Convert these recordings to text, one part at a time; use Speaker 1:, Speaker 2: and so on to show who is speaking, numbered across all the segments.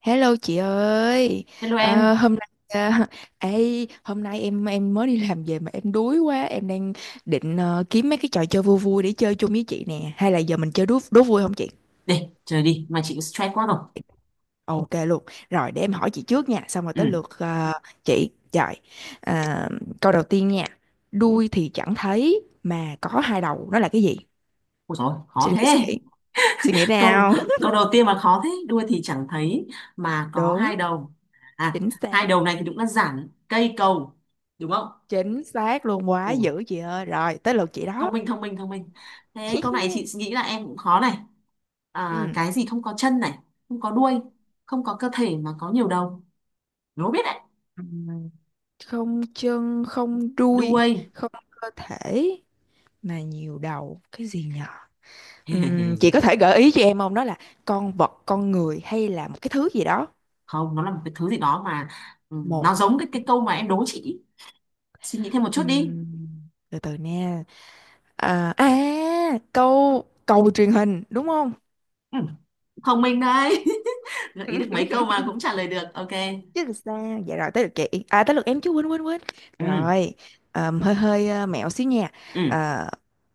Speaker 1: Hello chị ơi.
Speaker 2: Hello
Speaker 1: Ờ,
Speaker 2: em,
Speaker 1: hôm nay à, ê, hôm nay em mới đi làm về mà em đuối quá, em đang định kiếm mấy cái trò chơi vui vui để chơi chung với chị nè, hay là giờ mình chơi đố đố vui không chị?
Speaker 2: để chơi đi, mà chị stress quá rồi.
Speaker 1: Ok luôn, rồi để em hỏi chị trước nha, xong rồi
Speaker 2: Ừ,
Speaker 1: tới lượt chị. Rồi, à, câu đầu tiên nha, đuôi thì chẳng thấy mà có hai đầu, nó là cái gì?
Speaker 2: ôi dồi, khó
Speaker 1: Suy nghĩ suy
Speaker 2: thế.
Speaker 1: nghĩ, suy nghĩ
Speaker 2: Câu
Speaker 1: nào?
Speaker 2: câu đầu tiên mà khó thế, đuôi thì chẳng thấy mà có hai
Speaker 1: Đúng,
Speaker 2: đầu. À,
Speaker 1: chính
Speaker 2: hai
Speaker 1: xác,
Speaker 2: đầu này thì đúng là giản cây cầu, đúng không?
Speaker 1: chính xác luôn, quá
Speaker 2: Ồ,
Speaker 1: dữ chị ơi, rồi tới lượt chị đó.
Speaker 2: thông minh thông minh thông minh. Thế câu này chị nghĩ là em cũng khó này. À,
Speaker 1: Ừ.
Speaker 2: cái gì không có chân này, không có đuôi, không có cơ thể mà có nhiều đầu. Đố biết đấy,
Speaker 1: Ừm, không chân không đuôi
Speaker 2: đuôi.
Speaker 1: không cơ thể mà nhiều đầu cái gì nhở? Chị có thể gợi ý cho em không, đó là con vật, con người hay là một cái thứ gì đó?
Speaker 2: Không, nó là một cái thứ gì đó mà ừ,
Speaker 1: Một,
Speaker 2: nó giống cái câu mà em đố chị. Suy nghĩ thêm một chút đi.
Speaker 1: Ừm, từ từ nha. À, à, câu cầu truyền hình đúng không?
Speaker 2: Ừ, thông minh đấy. Gợi ý được mấy câu mà cũng trả lời được, ok.
Speaker 1: Chứ làm sao. Dạ, rồi tới lượt chị. À, tới lượt em chứ, quên quên quên
Speaker 2: Ừ,
Speaker 1: rồi. Hơi hơi mẹo xíu nha.
Speaker 2: ừ,
Speaker 1: Ờ,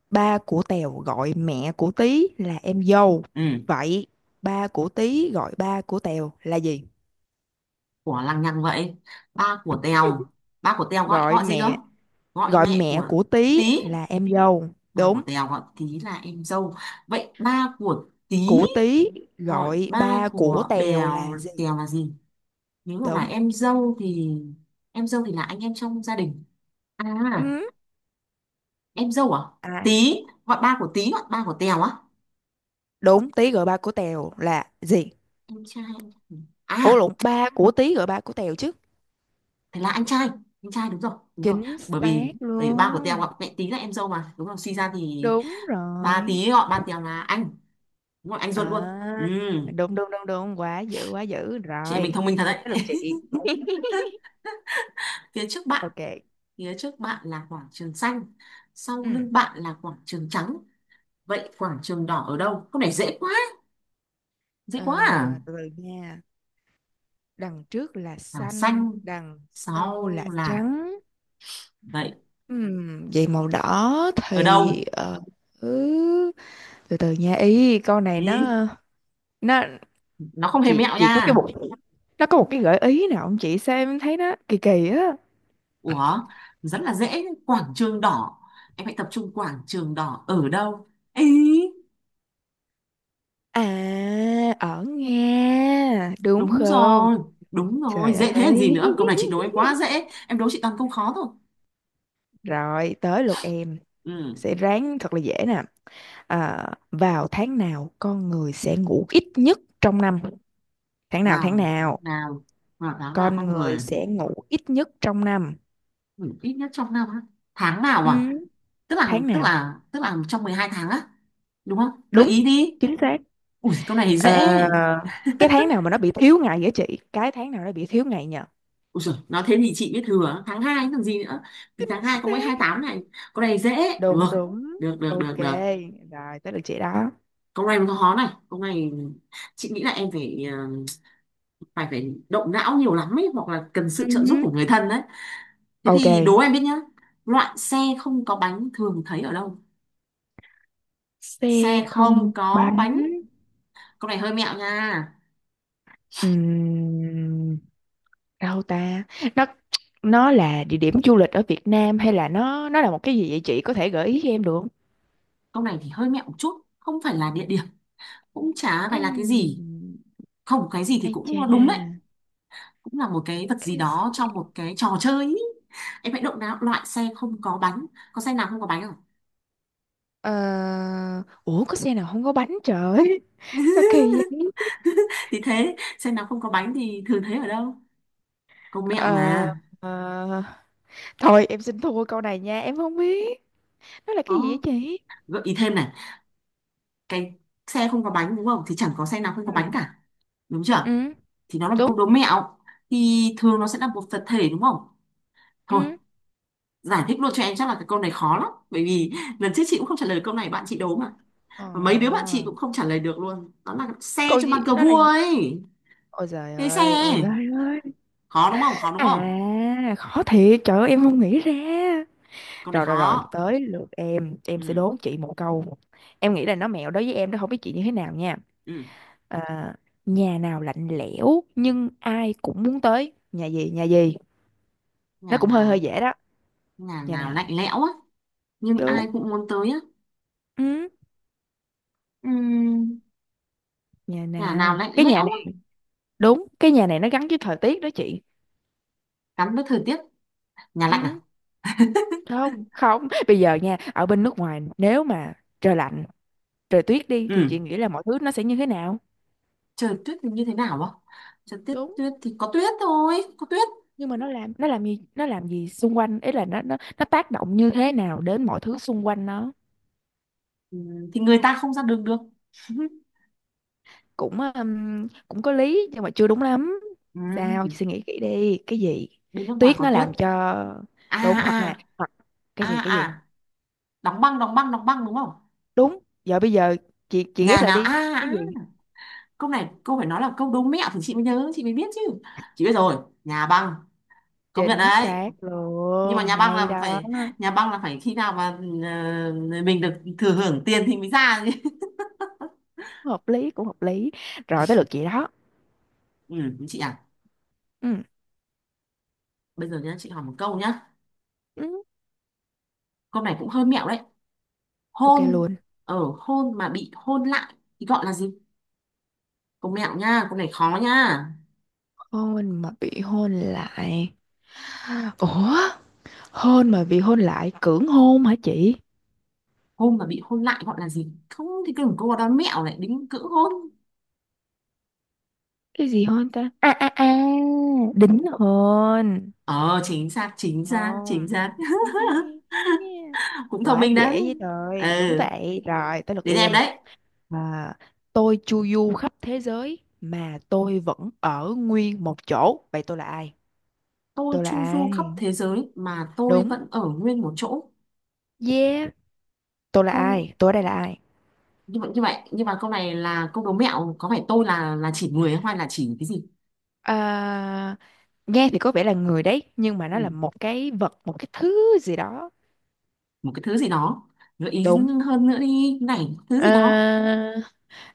Speaker 1: ba của Tèo gọi mẹ của Tí là em dâu,
Speaker 2: ừ,
Speaker 1: vậy ba của Tí gọi ba của Tèo là gì?
Speaker 2: của lằng nhằng vậy. Ba của Tèo, ba của Tèo gọi
Speaker 1: Gọi
Speaker 2: gọi gì cơ?
Speaker 1: mẹ,
Speaker 2: Gọi
Speaker 1: gọi
Speaker 2: mẹ
Speaker 1: mẹ
Speaker 2: của
Speaker 1: của Tí
Speaker 2: Tí,
Speaker 1: là em dâu.
Speaker 2: ba của
Speaker 1: Đúng.
Speaker 2: Tèo gọi Tí là em dâu, vậy ba của Tí
Speaker 1: Của Tí
Speaker 2: gọi
Speaker 1: gọi
Speaker 2: ba
Speaker 1: ba của
Speaker 2: của
Speaker 1: Tèo là
Speaker 2: Bèo
Speaker 1: gì?
Speaker 2: Tèo là gì? Nếu mà là
Speaker 1: Đúng.
Speaker 2: em dâu thì là anh em trong gia đình. À,
Speaker 1: Ừ.
Speaker 2: em dâu à,
Speaker 1: À.
Speaker 2: Tí gọi, ba của Tí gọi ba của Tèo á,
Speaker 1: Đúng. Tí gọi ba của Tèo là gì?
Speaker 2: em trai.
Speaker 1: Ủa
Speaker 2: À,
Speaker 1: lộn, ba của Tí gọi ba của Tèo chứ.
Speaker 2: thế là anh trai, anh trai đúng rồi đúng rồi.
Speaker 1: Chính
Speaker 2: bởi
Speaker 1: xác
Speaker 2: vì bởi vì ba của Tèo
Speaker 1: luôn.
Speaker 2: ạ, mẹ tí là em dâu mà, đúng rồi, suy ra thì
Speaker 1: Đúng
Speaker 2: ba
Speaker 1: rồi.
Speaker 2: tí gọi ba Tèo là anh, đúng rồi, anh ruột luôn. Ừ,
Speaker 1: À, đúng đúng đúng đúng, quá dữ, quá dữ
Speaker 2: chị em mình
Speaker 1: rồi.
Speaker 2: thông minh thật đấy.
Speaker 1: Tới lượt chị.
Speaker 2: Phía trước bạn,
Speaker 1: Ok.
Speaker 2: phía trước bạn là quảng trường xanh, sau
Speaker 1: Ừ.
Speaker 2: lưng bạn là quảng trường trắng, vậy quảng trường đỏ ở đâu? Câu này dễ quá, dễ
Speaker 1: Ờ,
Speaker 2: quá à?
Speaker 1: từ từ nha, đằng trước là
Speaker 2: Là
Speaker 1: xanh,
Speaker 2: xanh,
Speaker 1: đằng sau
Speaker 2: sau
Speaker 1: là
Speaker 2: là,
Speaker 1: trắng.
Speaker 2: vậy
Speaker 1: Vậy màu đỏ
Speaker 2: ở
Speaker 1: thì
Speaker 2: đâu?
Speaker 1: ừ, từ từ nha, ý con này
Speaker 2: Ừ,
Speaker 1: nó,
Speaker 2: nó không hề mẹo
Speaker 1: chị có cái
Speaker 2: nha.
Speaker 1: bộ, nó có một cái gợi ý nào không chị, sao em thấy nó kỳ kỳ á?
Speaker 2: Ủa, rất là dễ, quảng trường đỏ. Em hãy tập trung, quảng trường đỏ ở đâu? Ý,
Speaker 1: À, ở Nga, đúng
Speaker 2: đúng
Speaker 1: không?
Speaker 2: rồi, đúng rồi,
Speaker 1: Trời
Speaker 2: dễ thế làm gì
Speaker 1: ơi.
Speaker 2: nữa. Câu này chị đố em quá dễ, em đố chị toàn câu khó thôi.
Speaker 1: Rồi, tới lượt em.
Speaker 2: Ừ,
Speaker 1: Sẽ ráng thật là dễ nè. À, vào tháng nào con người sẽ ngủ ít nhất trong năm? Tháng nào, tháng
Speaker 2: vào tháng
Speaker 1: nào
Speaker 2: nào, vào tháng nào
Speaker 1: con
Speaker 2: con
Speaker 1: người
Speaker 2: người,
Speaker 1: sẽ ngủ ít nhất trong năm?
Speaker 2: ừ, ít nhất trong năm á. Tháng nào
Speaker 1: Ừ,
Speaker 2: à? Tức là,
Speaker 1: tháng
Speaker 2: tức
Speaker 1: nào?
Speaker 2: là, tức là trong 12 tháng á, đúng không? Gợi
Speaker 1: Đúng,
Speaker 2: ý đi.
Speaker 1: chính xác.
Speaker 2: Ui câu này thì dễ.
Speaker 1: Ờ, cái tháng nào mà nó bị thiếu ngày vậy chị? Cái tháng nào nó bị thiếu ngày nhờ?
Speaker 2: Ui giời, nói thế thì chị biết thừa, tháng 2 còn gì nữa. Vì
Speaker 1: Chính
Speaker 2: tháng 2 có mỗi hai
Speaker 1: xác.
Speaker 2: tám này, câu này dễ. Được,
Speaker 1: Đúng đúng.
Speaker 2: được, được,
Speaker 1: Ok,
Speaker 2: được, được.
Speaker 1: rồi tới lượt chị đó.
Speaker 2: Câu này nó khó này, câu này chị nghĩ là em phải phải phải động não nhiều lắm ấy, hoặc là cần sự
Speaker 1: Ừ.
Speaker 2: trợ giúp của người thân đấy. Thế thì đố
Speaker 1: Ok.
Speaker 2: em biết nhá, loại xe không có bánh thường thấy ở đâu?
Speaker 1: Xe
Speaker 2: Xe
Speaker 1: không
Speaker 2: không có
Speaker 1: bánh.
Speaker 2: bánh. Câu này hơi mẹo nha,
Speaker 1: Ừm, đâu ta, nó nó là địa điểm du lịch ở Việt Nam hay là nó là một cái gì, vậy chị có thể gợi ý cho em được không?
Speaker 2: câu này thì hơi mẹo một chút, không phải là địa điểm, cũng chả phải là cái gì,
Speaker 1: Ừm,
Speaker 2: không cái gì thì
Speaker 1: ai chà.
Speaker 2: cũng đúng đấy, cũng là một cái vật gì
Speaker 1: Cái s-,
Speaker 2: đó trong một cái trò chơi ý. Em hãy động não, loại xe không có bánh, có xe nào không có bánh không?
Speaker 1: ờ, ủa có xe nào không có bánh trời? Sao kỳ vậy?
Speaker 2: Thì thế xe nào không có bánh thì thường thấy ở đâu, công mẹo
Speaker 1: Ờ,
Speaker 2: mà.
Speaker 1: ờ, thôi em xin thua câu này nha, em không biết nó là cái gì vậy
Speaker 2: Có
Speaker 1: chị?
Speaker 2: gợi ý thêm này, cái xe không có bánh đúng không, thì chẳng có xe nào không có
Speaker 1: Ừ.
Speaker 2: bánh cả, đúng chưa,
Speaker 1: Ừ.
Speaker 2: thì nó là một câu
Speaker 1: Đúng.
Speaker 2: đố mẹo, thì thường nó sẽ là một vật thể đúng không. Thôi
Speaker 1: Ừ.
Speaker 2: giải thích luôn cho em, chắc là cái câu này khó lắm, bởi vì lần trước chị cũng không trả lời câu này, bạn chị đố mà, và mấy đứa bạn
Speaker 1: Ờ,
Speaker 2: chị cũng không trả lời được luôn, đó là xe
Speaker 1: còn
Speaker 2: trong bàn
Speaker 1: gì,
Speaker 2: cờ
Speaker 1: nó là.
Speaker 2: vua ấy.
Speaker 1: Ôi giời
Speaker 2: Cái xe,
Speaker 1: ơi, ôi giời ơi.
Speaker 2: khó đúng không, khó đúng không?
Speaker 1: À, khó thiệt, trời ơi em không nghĩ ra.
Speaker 2: Câu này
Speaker 1: Rồi rồi rồi,
Speaker 2: khó.
Speaker 1: tới lượt em sẽ
Speaker 2: Ừ,
Speaker 1: đố chị một câu. Em nghĩ là nó mẹo đối với em đó, không biết chị như thế nào nha.
Speaker 2: ừ,
Speaker 1: À, nhà nào lạnh lẽo nhưng ai cũng muốn tới. Nhà gì, nhà gì? Nó
Speaker 2: nhà
Speaker 1: cũng hơi hơi
Speaker 2: nào,
Speaker 1: dễ đó.
Speaker 2: nhà
Speaker 1: Nhà
Speaker 2: nào
Speaker 1: nào?
Speaker 2: lạnh lẽo á, nhưng ai
Speaker 1: Đúng.
Speaker 2: cũng muốn tới á.
Speaker 1: Ừ,
Speaker 2: Ừ,
Speaker 1: nhà
Speaker 2: nhà nào
Speaker 1: nào?
Speaker 2: lạnh
Speaker 1: Cái nhà
Speaker 2: lẽo á,
Speaker 1: này, đúng, cái nhà này nó gắn với thời tiết đó chị.
Speaker 2: gắn với thời tiết, nhà lạnh à.
Speaker 1: Ừ, không, không. Bây giờ nha, ở bên nước ngoài nếu mà trời lạnh, trời tuyết đi thì chị
Speaker 2: Ừ,
Speaker 1: nghĩ là mọi thứ nó sẽ như thế nào?
Speaker 2: trời tuyết thì như thế nào á, trời tuyết
Speaker 1: Đúng,
Speaker 2: tuyết thì có tuyết thôi, có tuyết.
Speaker 1: nhưng mà nó làm, nó làm gì, nó làm gì xung quanh ấy, là nó tác động như thế nào đến mọi thứ xung quanh nó?
Speaker 2: Ừ, thì người ta không ra đường được.
Speaker 1: Cũng cũng có lý nhưng mà chưa đúng lắm, sao
Speaker 2: Ừ,
Speaker 1: suy nghĩ kỹ đi, cái gì?
Speaker 2: bên nước ngoài
Speaker 1: Tuyết
Speaker 2: có
Speaker 1: nó
Speaker 2: tuyết,
Speaker 1: làm cho,
Speaker 2: à
Speaker 1: đúng, hoặc nè,
Speaker 2: à
Speaker 1: hoặc
Speaker 2: à
Speaker 1: cái gì, cái gì?
Speaker 2: à, đóng băng đóng băng đóng băng, đúng không?
Speaker 1: Đúng, giờ bây giờ chị ghép
Speaker 2: Nhà
Speaker 1: lại
Speaker 2: nào à,
Speaker 1: đi, cái
Speaker 2: à,
Speaker 1: gì?
Speaker 2: câu này câu phải nói là câu đố mẹo thì chị mới nhớ chị mới biết chứ. Chị biết rồi, nhà băng, công nhận
Speaker 1: Chính
Speaker 2: đấy.
Speaker 1: xác
Speaker 2: Nhưng mà
Speaker 1: luôn,
Speaker 2: nhà băng
Speaker 1: hay
Speaker 2: là
Speaker 1: đó.
Speaker 2: phải, nhà băng là phải khi nào mà ờ, mình được thừa hưởng tiền thì mới ra chứ.
Speaker 1: Hợp lý, cũng hợp lý. Rồi tới lượt chị đó.
Speaker 2: Ừ, chị à,
Speaker 1: Ừ.
Speaker 2: bây giờ nhá chị hỏi một câu nhá,
Speaker 1: Ừ.
Speaker 2: câu này cũng hơi mẹo đấy.
Speaker 1: Ok
Speaker 2: Hôn,
Speaker 1: luôn.
Speaker 2: ở hôn mà bị hôn lại thì gọi là gì? Câu mẹo nha, câu này khó nha.
Speaker 1: Hôn mà bị hôn lại. Ủa, hôn mà vì hôn lại, cưỡng hôn hả chị?
Speaker 2: Hôn mà bị hôn lại gọi là gì, không thì cứ câu đó mẹo lại đính cữ hôn.
Speaker 1: Cái gì hôn ta? À à à, đính hôn.
Speaker 2: Ờ, chính xác chính xác chính
Speaker 1: Không.
Speaker 2: xác. Cũng thông
Speaker 1: Quá
Speaker 2: minh đấy.
Speaker 1: dễ với
Speaker 2: Ừ,
Speaker 1: rồi, đúng vậy. Rồi, tới lượt
Speaker 2: đến em
Speaker 1: em.
Speaker 2: đấy.
Speaker 1: À, tôi chu du khắp thế giới mà tôi vẫn ở nguyên một chỗ. Vậy tôi là ai?
Speaker 2: Tôi
Speaker 1: Tôi là
Speaker 2: chu du khắp
Speaker 1: ai?
Speaker 2: thế giới mà tôi
Speaker 1: Đúng.
Speaker 2: vẫn ở nguyên một chỗ.
Speaker 1: Yeah. Tôi là
Speaker 2: Câu
Speaker 1: ai? Tôi ở đây là ai?
Speaker 2: như vậy như vậy, nhưng mà câu này là câu đố mẹo, có phải tôi là chỉ người hay là chỉ cái gì.
Speaker 1: À, nghe thì có vẻ là người đấy, nhưng mà nó là
Speaker 2: Ừ,
Speaker 1: một cái vật, một cái thứ gì đó.
Speaker 2: một cái thứ gì đó, gợi ý
Speaker 1: Đúng.
Speaker 2: hơn nữa đi này, thứ
Speaker 1: Ờ,
Speaker 2: gì đó.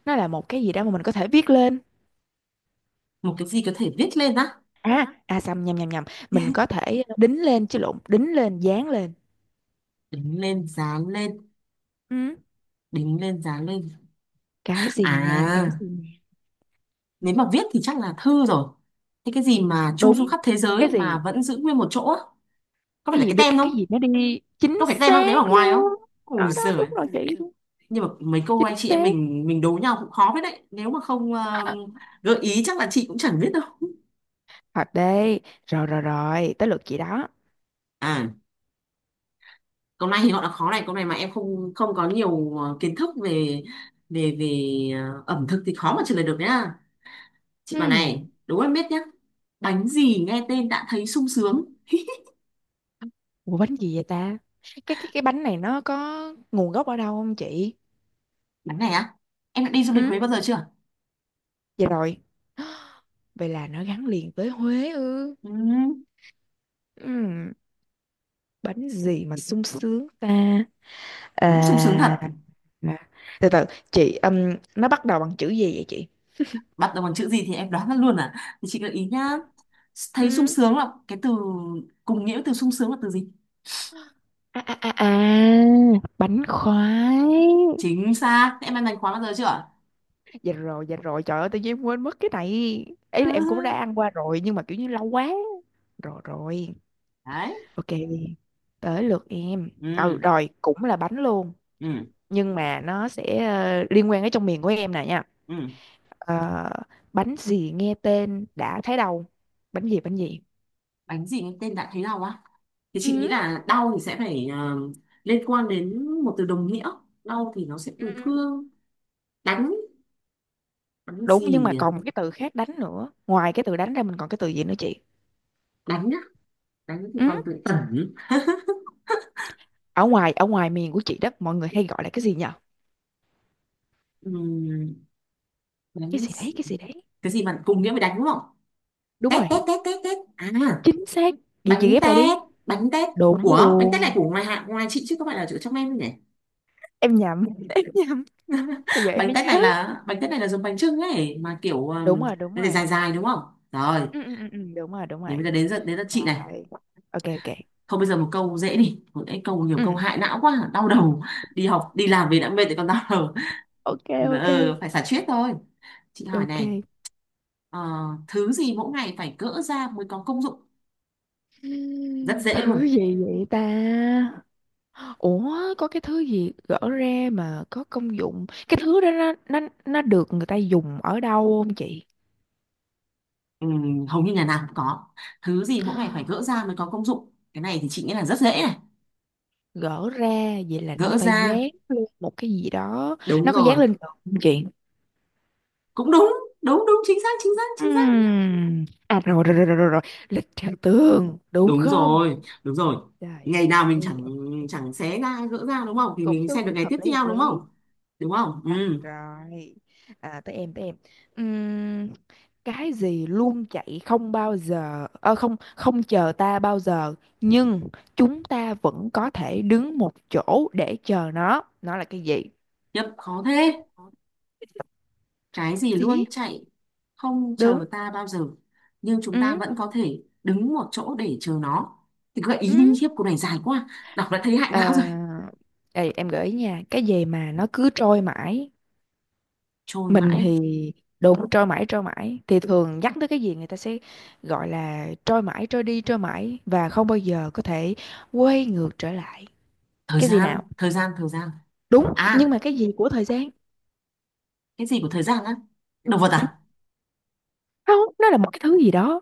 Speaker 1: nó là một cái gì đó mà mình có thể viết lên.
Speaker 2: Một cái gì có thể viết lên á,
Speaker 1: À à, xăm, nhầm nhầm nhầm, mình có thể đính lên, chứ lộn, đính lên, dán lên.
Speaker 2: đính lên dán lên,
Speaker 1: Ừ.
Speaker 2: đính lên dán lên.
Speaker 1: Cái gì nè, cái
Speaker 2: À,
Speaker 1: gì nè?
Speaker 2: nếu mà viết thì chắc là thư rồi, thế cái gì mà chu du
Speaker 1: Đúng.
Speaker 2: khắp thế
Speaker 1: Cái
Speaker 2: giới
Speaker 1: gì,
Speaker 2: mà vẫn giữ nguyên một chỗ á? Có phải
Speaker 1: cái
Speaker 2: là
Speaker 1: gì
Speaker 2: cái
Speaker 1: được,
Speaker 2: tem không?
Speaker 1: cái gì nó đi, chính
Speaker 2: Có phải cái tem không đấy, ở
Speaker 1: xác
Speaker 2: ngoài không?
Speaker 1: luôn.
Speaker 2: Ôi
Speaker 1: Đó đó,
Speaker 2: giời.
Speaker 1: đúng rồi chị.
Speaker 2: Nhưng mà mấy cô anh
Speaker 1: Chính
Speaker 2: chị em
Speaker 1: xác.
Speaker 2: mình đố nhau cũng khó với đấy, nếu mà không gợi ý chắc là chị cũng chẳng biết đâu.
Speaker 1: Thật đây. Rồi rồi rồi tới lượt chị đó.
Speaker 2: À, câu này thì họ đã khó này, câu này mà em không không có nhiều kiến thức về về về ẩm thực thì khó mà trả lời được nhá. Chị bà này
Speaker 1: Ừm,
Speaker 2: đố em biết nhá, bánh gì nghe tên đã thấy sung sướng?
Speaker 1: ủa bánh gì vậy ta? Cái bánh này nó có nguồn gốc ở đâu không chị?
Speaker 2: Bánh này á, em đã đi du lịch
Speaker 1: Ừ.
Speaker 2: Huế bao giờ chưa?
Speaker 1: Vậy rồi, vậy là nó gắn liền với Huế ư?
Speaker 2: Ừ,
Speaker 1: Ừm, bánh gì mà sung sướng ta?
Speaker 2: đúng sung sướng thật.
Speaker 1: À, mà-, từ từ chị, nó bắt đầu bằng chữ gì vậy chị?
Speaker 2: Bắt đầu bằng chữ gì thì em đoán ra luôn à, thì chị gợi ý nhá, thấy sung
Speaker 1: Ừm,
Speaker 2: sướng là cái từ cùng nghĩa với từ sung sướng là từ gì?
Speaker 1: à, à, à, à, bánh khoái.
Speaker 2: Chính xác, em ăn bánh khóa bao giờ chưa?
Speaker 1: Dạ rồi, dạ rồi, trời ơi tự nhiên em quên mất cái này, ý là em cũng đã
Speaker 2: Ừ,
Speaker 1: ăn qua rồi nhưng mà kiểu như lâu quá. Rồi rồi,
Speaker 2: đấy.
Speaker 1: ok, tới lượt em.
Speaker 2: Ừ,
Speaker 1: Ừ, rồi cũng là bánh luôn
Speaker 2: ừ,
Speaker 1: nhưng mà nó sẽ liên quan đến trong miền của em nè nha.
Speaker 2: ừ,
Speaker 1: Ờ, bánh gì nghe tên đã thấy đâu? Bánh gì, bánh gì?
Speaker 2: bánh gì nghe tên đã thấy đau á? Thì chị nghĩ
Speaker 1: Ừ.
Speaker 2: là đau thì sẽ phải, à, liên quan đến một từ đồng nghĩa, đau thì nó sẽ
Speaker 1: Ừ.
Speaker 2: từ thương, đánh, đánh
Speaker 1: Đúng, nhưng
Speaker 2: gì
Speaker 1: mà
Speaker 2: nhỉ?
Speaker 1: còn một cái từ khác đánh nữa, ngoài cái từ đánh ra mình còn cái từ gì nữa chị?
Speaker 2: Đánh nhá, đánh thì
Speaker 1: Ừ.
Speaker 2: còn từ tẩn.
Speaker 1: Ở ngoài, ở ngoài miền của chị đó mọi người hay gọi là cái gì nhở?
Speaker 2: Ừm, đánh
Speaker 1: Cái gì
Speaker 2: s-,
Speaker 1: đấy, cái gì đấy?
Speaker 2: cái gì mà cùng nghĩa với đánh đúng không,
Speaker 1: Đúng
Speaker 2: tét
Speaker 1: rồi,
Speaker 2: tét tét tét tét, à,
Speaker 1: chính xác. Vậy chị
Speaker 2: bánh
Speaker 1: ghép lại đi.
Speaker 2: tét, bánh tét.
Speaker 1: Đúng
Speaker 2: Ủa bánh tét này
Speaker 1: luôn.
Speaker 2: của ngoài hạ ngoài chị chứ không phải là ở trong em đâu nhỉ?
Speaker 1: Em nhầm em nhầm, bây giờ em
Speaker 2: Bánh
Speaker 1: mới
Speaker 2: tét
Speaker 1: nhớ.
Speaker 2: này là, bánh tét này là giống bánh chưng ấy mà kiểu
Speaker 1: Đúng rồi, đúng
Speaker 2: nó để
Speaker 1: rồi.
Speaker 2: dài dài đúng không, rồi.
Speaker 1: Ừ. đúng rồi đúng
Speaker 2: Thì
Speaker 1: rồi.
Speaker 2: bây giờ đến lượt chị này,
Speaker 1: Rồi. Ok ok.
Speaker 2: thôi bây giờ một câu dễ đi, một cái câu nhiều câu
Speaker 1: Ừ.
Speaker 2: hại não quá đau đầu, đi học đi làm về đã mệt thì còn đau đầu.
Speaker 1: Ok ok
Speaker 2: Ừ, phải xả stress thôi. Chị hỏi
Speaker 1: ok.
Speaker 2: này, ờ, thứ gì mỗi ngày phải gỡ ra mới có công dụng? Rất dễ luôn.
Speaker 1: Thứ gì vậy ta? Ủa có cái thứ gì gỡ ra mà có công dụng, cái thứ đó nó nó được người ta dùng ở đâu không chị?
Speaker 2: Ừ, hầu như nhà nào cũng có, thứ gì mỗi ngày phải gỡ ra mới có công dụng, cái này thì chị nghĩ là rất dễ này.
Speaker 1: Gỡ ra, vậy là nó
Speaker 2: Gỡ
Speaker 1: phải dán
Speaker 2: ra,
Speaker 1: lên một cái gì đó,
Speaker 2: đúng
Speaker 1: nó có dán
Speaker 2: rồi.
Speaker 1: lên tường không chị?
Speaker 2: Cũng đúng, đúng đúng chính xác chính xác chính xác.
Speaker 1: Ừm. À rồi rồi rồi rồi rồi rồi. Lịch theo tường đúng
Speaker 2: Đúng
Speaker 1: không?
Speaker 2: rồi đúng rồi,
Speaker 1: Trời
Speaker 2: ngày nào mình
Speaker 1: ơi,
Speaker 2: chẳng
Speaker 1: ok.
Speaker 2: chẳng xé ra gỡ ra đúng không, thì
Speaker 1: Cũng
Speaker 2: mình xem
Speaker 1: đúng,
Speaker 2: được ngày tiếp
Speaker 1: hợp lý hợp
Speaker 2: theo đúng
Speaker 1: lý.
Speaker 2: không? Đúng không? Ừ.
Speaker 1: Đó, rồi, à, tới em, tới em. Ừm, cái gì luôn chạy không bao giờ không không chờ ta bao giờ, nhưng chúng ta vẫn có thể đứng một chỗ để chờ nó. Nó là cái gì?
Speaker 2: Nhật khó
Speaker 1: Chấp.
Speaker 2: thế, cái gì luôn
Speaker 1: Gì?
Speaker 2: chạy không chờ
Speaker 1: Đúng.
Speaker 2: ta bao giờ, nhưng chúng ta
Speaker 1: Ừ.
Speaker 2: vẫn có thể đứng một chỗ để chờ nó. Thì gợi ý đi
Speaker 1: Ừ.
Speaker 2: khiếp, cô này dài quá, đọc đã thấy hại não rồi.
Speaker 1: À, ê, em gợi ý nha, cái gì mà nó cứ trôi mãi,
Speaker 2: Trôi
Speaker 1: mình
Speaker 2: mãi,
Speaker 1: thì, đúng, trôi mãi, trôi mãi thì thường nhắc tới cái gì người ta sẽ gọi là trôi mãi, trôi đi, trôi mãi và không bao giờ có thể quay ngược trở lại.
Speaker 2: thời
Speaker 1: Cái gì
Speaker 2: gian,
Speaker 1: nào?
Speaker 2: thời gian, thời gian.
Speaker 1: Đúng, nhưng
Speaker 2: À,
Speaker 1: mà cái gì của thời gian?
Speaker 2: cái gì của thời gian á? Động vật
Speaker 1: Ừ,
Speaker 2: à?
Speaker 1: không, nó là một cái thứ gì đó.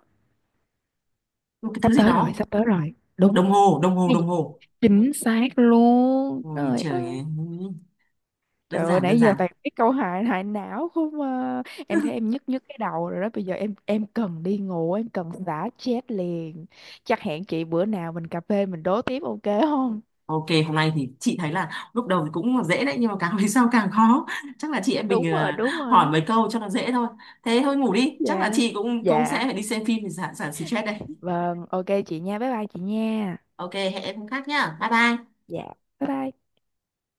Speaker 2: Một cái thứ
Speaker 1: Sắp
Speaker 2: gì
Speaker 1: tới rồi,
Speaker 2: đó.
Speaker 1: sắp tới rồi, đúng.
Speaker 2: Đồng hồ, đồng hồ,
Speaker 1: Cái gì?
Speaker 2: đồng hồ.
Speaker 1: Chính xác luôn,
Speaker 2: Ôi
Speaker 1: trời ơi.
Speaker 2: trời ơi, đơn
Speaker 1: Trời ơi,
Speaker 2: giản, đơn
Speaker 1: nãy giờ
Speaker 2: giản.
Speaker 1: toàn cái câu hại hại não không à. Em thấy
Speaker 2: Ừ,
Speaker 1: em nhức nhức cái đầu rồi đó. Bây giờ em cần đi ngủ, em cần xả stress liền. Chắc hẹn chị bữa nào mình cà phê mình đố tiếp ok không?
Speaker 2: ok, hôm nay thì chị thấy là lúc đầu thì cũng là dễ đấy nhưng mà càng về sau càng khó. Chắc là chị em
Speaker 1: Đúng
Speaker 2: mình
Speaker 1: rồi, đúng
Speaker 2: hỏi
Speaker 1: rồi.
Speaker 2: mấy câu cho nó dễ thôi. Thế thôi ngủ đi, chắc là
Speaker 1: Dạ.
Speaker 2: chị cũng cũng
Speaker 1: Dạ.
Speaker 2: sẽ phải đi xem phim để giảm giảm stress đây.
Speaker 1: Vâng, ok chị nha. Bye bye chị nha.
Speaker 2: Ok, hẹn em hôm khác nhá. Bye bye.
Speaker 1: Dạ. Bye bye.